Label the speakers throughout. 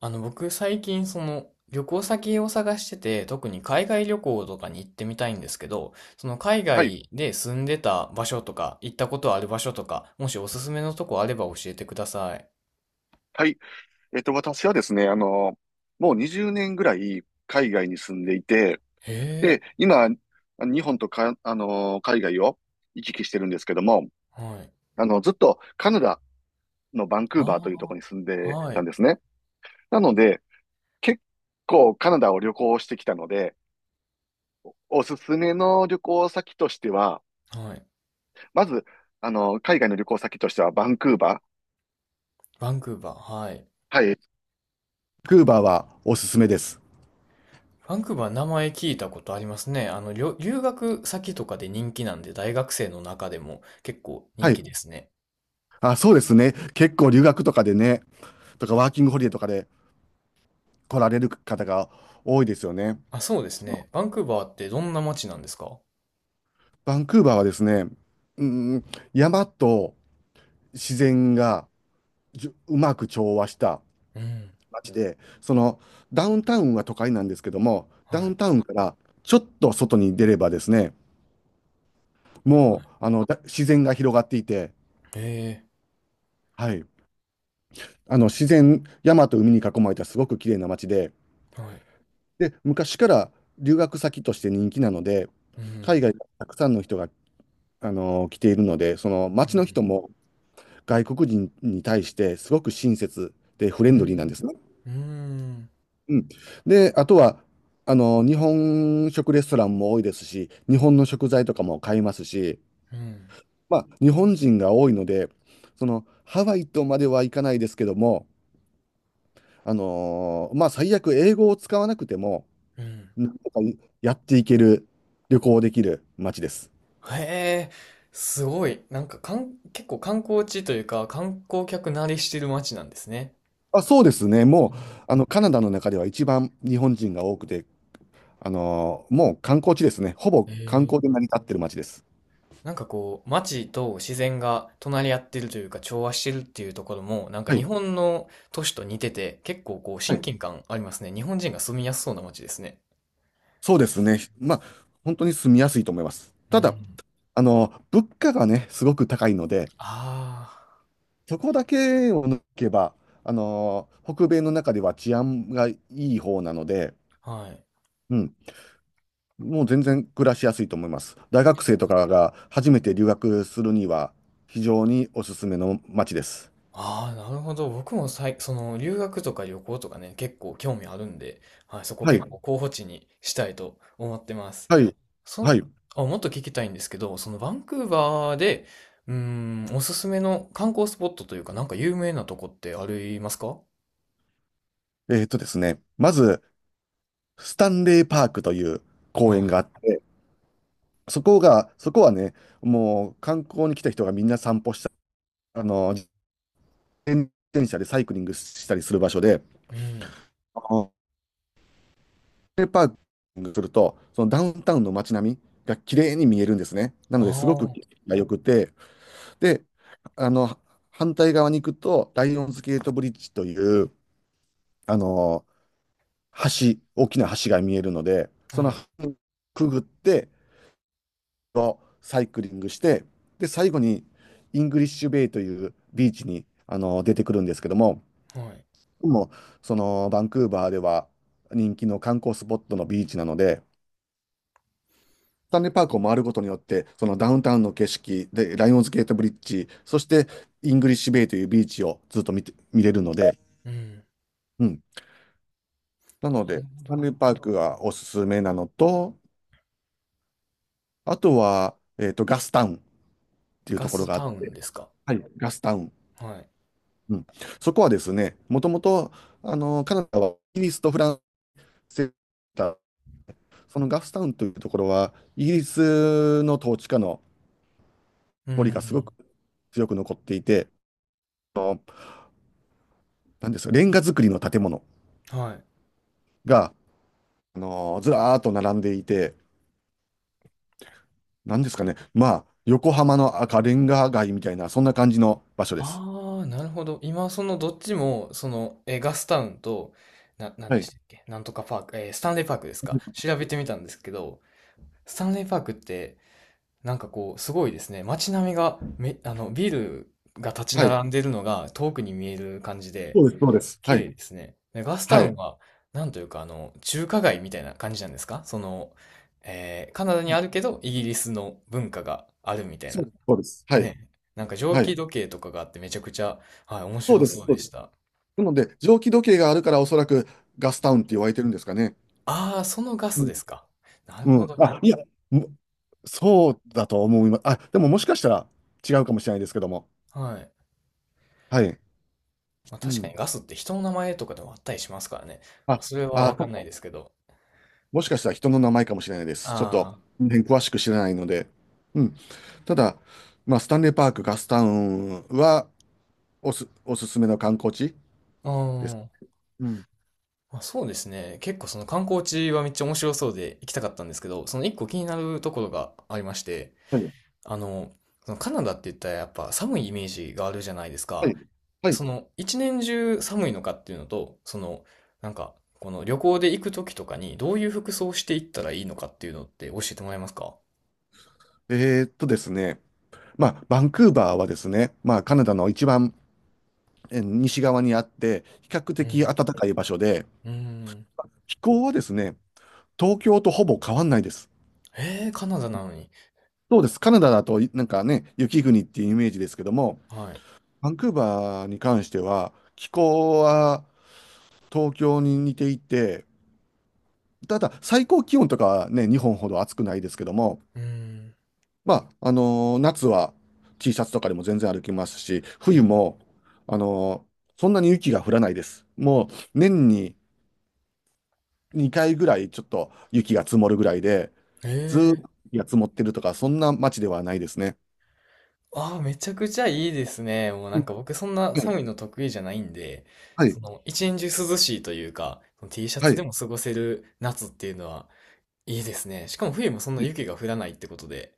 Speaker 1: 僕最近その旅行先を探してて、特に海外旅行とかに行ってみたいんですけど、その海
Speaker 2: はい。
Speaker 1: 外で住んでた場所とか、行ったことある場所とか、もしおすすめのとこあれば教えてください。
Speaker 2: はい。私はですね、もう20年ぐらい海外に住んでいて、
Speaker 1: へえ、
Speaker 2: で、今、日本とか、海外を行き来してるんですけども、
Speaker 1: はい。
Speaker 2: ずっとカナダのバンクーバーというとこ
Speaker 1: あ
Speaker 2: ろに住ん
Speaker 1: あ、
Speaker 2: で
Speaker 1: は
Speaker 2: たん
Speaker 1: い、
Speaker 2: ですね。なので、結構カナダを旅行してきたので、おすすめの旅行先としては、
Speaker 1: はい。
Speaker 2: まず、海外の旅行先としてはバンクーバー。
Speaker 1: バンクーバー、はい。
Speaker 2: はい。バンクーバーはおすすめです。
Speaker 1: バンクーバー名前聞いたことありますね。留学先とかで人気なんで、大学生の中でも結構
Speaker 2: は
Speaker 1: 人気で
Speaker 2: い。
Speaker 1: すね。
Speaker 2: あ、そうですね。結構留学とかでね、とかワーキングホリデーとかで来られる方が多いですよね。
Speaker 1: あ、そうです
Speaker 2: その
Speaker 1: ね。バンクーバーってどんな街なんですか？
Speaker 2: バンクーバーはですね、うん、山と自然がじゅうまく調和した
Speaker 1: うん、
Speaker 2: 街で、そのダウンタウンは都会なんですけども、ダ
Speaker 1: は
Speaker 2: ウ
Speaker 1: い。
Speaker 2: ンタウンからちょっと外に出ればですね、もうあのだ自然が広がっていて、
Speaker 1: へえ、
Speaker 2: はい、あの自然、山と海に囲まれたすごく綺麗な街で、
Speaker 1: はい。
Speaker 2: で、昔から留学先として人気なので、
Speaker 1: う
Speaker 2: 海
Speaker 1: ん。
Speaker 2: 外からたくさんの人が来ているので、その街の人も外国人に対してすごく親切でフレ
Speaker 1: う
Speaker 2: ンドリーなんで
Speaker 1: ん。
Speaker 2: すね。
Speaker 1: うん。うん。
Speaker 2: うん。で、あとは、日本食レストランも多いですし、日本の食材とかも買いますし、
Speaker 1: うん。
Speaker 2: まあ、日本人が多いので、ハワイとまではいかないですけども、まあ、最悪英語を使わなくても、
Speaker 1: うん。
Speaker 2: なんとかやっていける、旅行できる街です。
Speaker 1: へえ、すごい。なんか、結構観光地というか、観光客慣れしてる街なんですね。
Speaker 2: あ、そうですね。もう、カナダの中では一番日本人が多くて、もう観光地ですね。ほぼ
Speaker 1: うん。へ
Speaker 2: 観光で
Speaker 1: え。
Speaker 2: 成り立ってる街です。
Speaker 1: なんかこう、街と自然が隣り合ってるというか、調和してるっていうところも、なんか
Speaker 2: は
Speaker 1: 日
Speaker 2: い。
Speaker 1: 本の都市と似てて、結構こう、
Speaker 2: は
Speaker 1: 親
Speaker 2: い。
Speaker 1: 近感ありますね。日本人が住みやすそうな街ですね。
Speaker 2: そうですね。まあ、本当に住みやすいと思います。
Speaker 1: う
Speaker 2: ただ、
Speaker 1: ん。
Speaker 2: 物価がね、すごく高いので、
Speaker 1: あ
Speaker 2: そこだけを抜けば、北米の中では治安がいい方なので、
Speaker 1: あ、はい。
Speaker 2: うん、もう全然暮らしやすいと思います。大学生とかが初めて留学するには、非常におすすめの街です。
Speaker 1: ああ、なるほど。僕もその留学とか旅行とかね、結構興味あるんで、はい、そこ
Speaker 2: はい。
Speaker 1: 結構候補地にしたいと思ってます。
Speaker 2: はい。
Speaker 1: その、
Speaker 2: はい。
Speaker 1: あ、もっと聞きたいんですけど、そのバンクーバーで、うーおすすめの観光スポットというか、なんか有名なとこってありますか？
Speaker 2: ですね、まず、スタンレーパークという公園
Speaker 1: は
Speaker 2: があって、そこはね、もう観光に来た人がみんな散歩した、自転車でサイクリングしたりする場所で、
Speaker 1: い。うん。
Speaker 2: あのスタンレーパークすると、そのダウンタウンの街並みが綺麗に見えるんですね。な
Speaker 1: ああ、
Speaker 2: のですごく
Speaker 1: は
Speaker 2: 景色が良くて、で、あの、反対側に行くと、ライオンズゲートブリッジという、あの、大きな橋が見えるので、その
Speaker 1: い、
Speaker 2: 橋をくぐって、サイクリングして、で、最後にイングリッシュベイというビーチに出てくるんですけども、
Speaker 1: はい。
Speaker 2: もうそのバンクーバーでは人気の観光スポットのビーチなので、スタンレーパークを回ることによって、そのダウンタウンの景色で、ライオンズゲートブリッジ、そしてイングリッシュベイというビーチをずっと見れるので、
Speaker 1: うん。な
Speaker 2: うん。な
Speaker 1: る
Speaker 2: の
Speaker 1: ほ
Speaker 2: で、スタン
Speaker 1: ど。
Speaker 2: レーパークがおすすめなのと、あとは、ガスタウンっていう
Speaker 1: ガ
Speaker 2: ところ
Speaker 1: ス
Speaker 2: があっ
Speaker 1: タウ
Speaker 2: て、
Speaker 1: ンですか？
Speaker 2: はい、ガスタウン。
Speaker 1: はい。
Speaker 2: うん、そこはですね、もともとカナダはイギリスとフランスだ。そのガフスタウンというところは、イギリスの統治下の
Speaker 1: う
Speaker 2: 残りがすご
Speaker 1: ん。
Speaker 2: く強く残っていて、あのなんですか、レンガ造りの建物
Speaker 1: はい。
Speaker 2: がずらーっと並んでいて、なんですかね、まあ、横浜の赤レンガ街みたいな、そんな感じの場所です。
Speaker 1: ああ、なるほど。今、そのどっちも、ガスタウンと、なん
Speaker 2: は
Speaker 1: で
Speaker 2: い。
Speaker 1: したっけ？なんとかパーク、スタンレーパークですか、調べてみたんですけど、スタンレーパークって、なんかこう、すごいですね。街並みが、ビルが立ち
Speaker 2: はい。
Speaker 1: 並んでるのが遠くに見える感じで、
Speaker 2: そうです、そうです。
Speaker 1: 綺
Speaker 2: は
Speaker 1: 麗
Speaker 2: い。
Speaker 1: ですね。で、ガスタ
Speaker 2: は
Speaker 1: ウン
Speaker 2: い。
Speaker 1: は、なんというか、中華街みたいな感じなんですか？カナダにあるけど、イギリスの文化があるみたい
Speaker 2: そう
Speaker 1: な。
Speaker 2: です、そうです。はい。
Speaker 1: ね、なんか蒸
Speaker 2: は
Speaker 1: 気
Speaker 2: い。
Speaker 1: 時計とかがあってめちゃくちゃ、はい、面
Speaker 2: そう
Speaker 1: 白
Speaker 2: です、
Speaker 1: そう
Speaker 2: そう
Speaker 1: で
Speaker 2: で
Speaker 1: し
Speaker 2: す。
Speaker 1: た。
Speaker 2: なので、蒸気時計があるから、おそらくガスタウンって言われてるんですかね。
Speaker 1: ああ、そのガ
Speaker 2: う
Speaker 1: ス
Speaker 2: ん。
Speaker 1: ですか？なる
Speaker 2: う
Speaker 1: ほ
Speaker 2: ん。
Speaker 1: ど。
Speaker 2: あ、いや、もそうだと思います。あ、でももしかしたら違うかもしれないですけども。
Speaker 1: はい。
Speaker 2: はい。
Speaker 1: まあ
Speaker 2: う
Speaker 1: 確かに
Speaker 2: ん。
Speaker 1: ガスって人の名前とかでもあったりしますからね。ま
Speaker 2: あ、
Speaker 1: あそれはわ
Speaker 2: あ、そ
Speaker 1: か
Speaker 2: っ
Speaker 1: んない
Speaker 2: か、
Speaker 1: ですけど。
Speaker 2: もしかしたら人の名前かもしれないです。ちょっと、
Speaker 1: あ
Speaker 2: ね、詳しく知らないので。うん。ただ、まあ、スタンレーパーク、ガスタウンはおすすめの観光地
Speaker 1: あ、う
Speaker 2: です。
Speaker 1: ん。
Speaker 2: うん。
Speaker 1: まあそうですね。結構その観光地はめっちゃ面白そうで行きたかったんですけど、その一個気になるところがありまして、
Speaker 2: はい。
Speaker 1: あの、そのカナダって言ったらやっぱ寒いイメージがあるじゃないです
Speaker 2: は
Speaker 1: か。
Speaker 2: い。は
Speaker 1: そ
Speaker 2: い。
Speaker 1: の一年中寒いのかっていうのと、そのなんかこの旅行で行く時とかにどういう服装していったらいいのかっていうのって教えてもらえますか？
Speaker 2: ですね。まあ、バンクーバーはですね、まあ、カナダの一番西側にあって、比較
Speaker 1: う
Speaker 2: 的暖
Speaker 1: ん。
Speaker 2: かい場所で、
Speaker 1: うん。
Speaker 2: 気候はですね、東京とほぼ変わんないです。
Speaker 1: えー、カナダなのに。
Speaker 2: そうです。カナダだとなんかね、雪国っていうイメージですけども、
Speaker 1: はい。
Speaker 2: バンクーバーに関しては、気候は東京に似ていて、ただ最高気温とかはね、日本ほど暑くないですけども、
Speaker 1: うん。
Speaker 2: まあ、夏は T シャツとかでも全然歩きますし、冬
Speaker 1: え
Speaker 2: も、そんなに雪が降らないです。もう年に2回ぐらいちょっと雪が積もるぐらいで、
Speaker 1: ー、
Speaker 2: ずーっ
Speaker 1: え
Speaker 2: と
Speaker 1: ー。
Speaker 2: 雪が積もってるとか、そんな街ではないですね。
Speaker 1: ああ、めちゃくちゃいいですね。もうな
Speaker 2: う
Speaker 1: ん
Speaker 2: ん。
Speaker 1: か僕そんな
Speaker 2: はい、
Speaker 1: 寒いの得意じゃないんで、
Speaker 2: は
Speaker 1: そ
Speaker 2: い、
Speaker 1: の一年中涼しいというか、その Tシャツ
Speaker 2: は
Speaker 1: でも過ごせる夏っていうのはいいですね。しかも冬もそんな
Speaker 2: い。
Speaker 1: 雪が降らないってことで、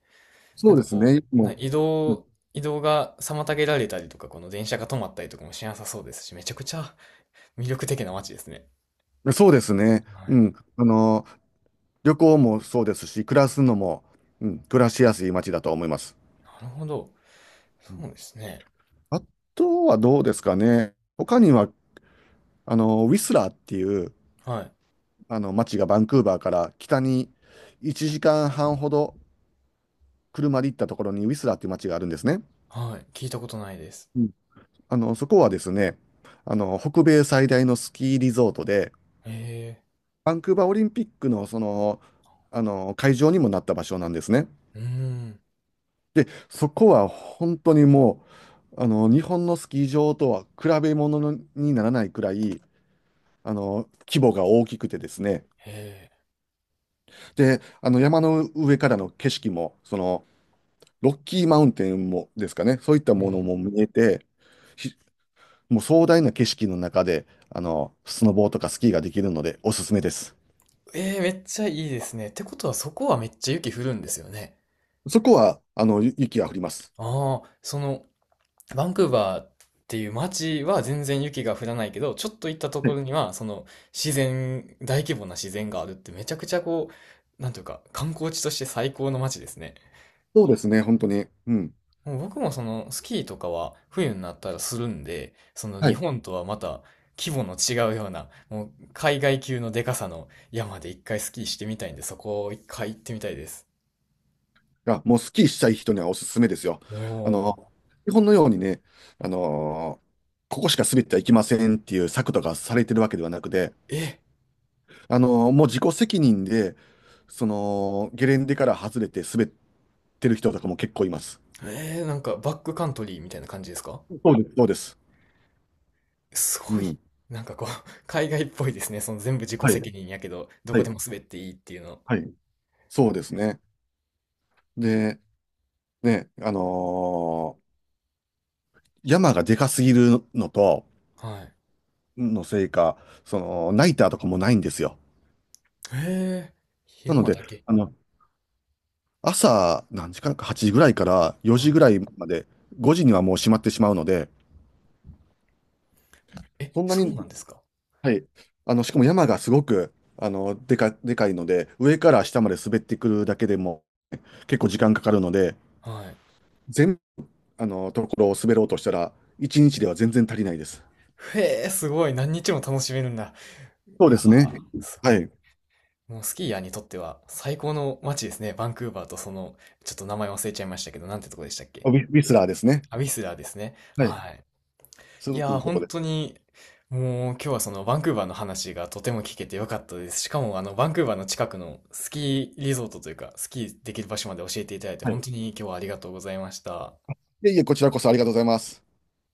Speaker 1: な
Speaker 2: そ
Speaker 1: ん
Speaker 2: うで
Speaker 1: か
Speaker 2: す
Speaker 1: こ
Speaker 2: ね。
Speaker 1: う、な
Speaker 2: も
Speaker 1: 移
Speaker 2: う、う
Speaker 1: 動、移動が妨げられたりとか、この電車が止まったりとかもしなさそうですし、めちゃくちゃ 魅力的な街ですね。
Speaker 2: ん、そうですね。
Speaker 1: は
Speaker 2: う
Speaker 1: い。
Speaker 2: ん。旅行もそうですし、暮らすのも、うん、暮らしやすい街だと思います。
Speaker 1: なるほど。
Speaker 2: うん
Speaker 1: そうですね。
Speaker 2: あとはどうですかね。他には、ウィスラーっていう、
Speaker 1: はい。
Speaker 2: 街がバンクーバーから北に1時間半ほど車で行ったところにウィスラーっていう街があるんですね。
Speaker 1: はい。聞いたことないです。
Speaker 2: そこはですね、北米最大のスキーリゾートで、
Speaker 1: へ
Speaker 2: バンクーバーオリンピックの会場にもなった場所なんですね。
Speaker 1: え。うーん。
Speaker 2: で、そこは本当にもう、日本のスキー場とは比べ物にならないくらい、規模が大きくてですね。
Speaker 1: へ
Speaker 2: で、山の上からの景色も、ロッキーマウンテンもですかね、そういった
Speaker 1: え。う
Speaker 2: もの
Speaker 1: ん。
Speaker 2: も見えて、ひもう壮大な景色の中で、スノボーとかスキーができるので、おすすめです。
Speaker 1: えー、めっちゃいいですね。ってことはそこはめっちゃ雪降るんですよね。
Speaker 2: そこは、雪が降ります。
Speaker 1: ああ、そのバンクーバーっていう街は全然雪が降らないけど、ちょっと行ったと
Speaker 2: は
Speaker 1: こ
Speaker 2: い。
Speaker 1: ろには、その自然、大規模な自然があるってめちゃくちゃこう、なんというか、観光地として最高の街ですね。
Speaker 2: そうですね、本当に。うん。
Speaker 1: もう僕もそのスキーとかは冬になったらするんで、その
Speaker 2: は
Speaker 1: 日
Speaker 2: い。
Speaker 1: 本とはまた規模の違うような、もう海外級のでかさの山で一回スキーしてみたいんで、そこを一回行ってみたいです。
Speaker 2: あ、もうスキーしたい人にはおすすめですよ。あ
Speaker 1: お
Speaker 2: の、
Speaker 1: ー。
Speaker 2: 日本のようにね、あのーここしか滑ってはいけませんっていう策とかされてるわけではなくて、
Speaker 1: え、
Speaker 2: もう自己責任で、ゲレンデから外れて滑ってる人とかも結構います。
Speaker 1: えー、なんかバックカントリーみたいな感じですか？
Speaker 2: そうです。そうです。
Speaker 1: す
Speaker 2: う
Speaker 1: ごい。
Speaker 2: ん。
Speaker 1: なんかこう、海外っぽいですね。その全部自己責任やけど、どこでも滑っていいっていうの。
Speaker 2: はい。そうですね。で、ね、山がでかすぎるのと、
Speaker 1: はい。
Speaker 2: のせいか、ナイターとかもないんですよ。
Speaker 1: へえ、
Speaker 2: な
Speaker 1: 昼
Speaker 2: の
Speaker 1: 間
Speaker 2: で、
Speaker 1: だけ。
Speaker 2: あの、朝、何時間か、8時ぐらいから4
Speaker 1: は
Speaker 2: 時ぐ
Speaker 1: い。
Speaker 2: らいまで、5時にはもう閉まってしまうので、
Speaker 1: え、
Speaker 2: そんな
Speaker 1: そう
Speaker 2: に、
Speaker 1: なんですか？
Speaker 2: はい。しかも山がすごく、でかいので、上から下まで滑ってくるだけでも結構時間かかるので、
Speaker 1: はい。
Speaker 2: 全、ところを滑ろうとしたら、1日では全然足りないです。
Speaker 1: へえ、すごい。何日も楽しめるんだ。
Speaker 2: そう
Speaker 1: い
Speaker 2: で
Speaker 1: やー、
Speaker 2: すね。
Speaker 1: す
Speaker 2: は
Speaker 1: ごい。
Speaker 2: い。
Speaker 1: もうスキーヤーにとっては最高の街ですね。バンクーバーとその、ちょっと名前忘れちゃいましたけど、なんてとこでしたっけ？
Speaker 2: ウィスラーですね。
Speaker 1: アビスラーですね。
Speaker 2: はい。
Speaker 1: はい。
Speaker 2: す
Speaker 1: い
Speaker 2: ごく
Speaker 1: や
Speaker 2: い
Speaker 1: ー、
Speaker 2: いとこ
Speaker 1: 本
Speaker 2: で。
Speaker 1: 当に、もう今日はそのバンクーバーの話がとても聞けてよかったです。しかもあのバンクーバーの近くのスキーリゾートというか、スキーできる場所まで教えていただいて
Speaker 2: はい。
Speaker 1: 本
Speaker 2: い
Speaker 1: 当に今日はありがとうございました。
Speaker 2: えいえ、こちらこそありがとうございます。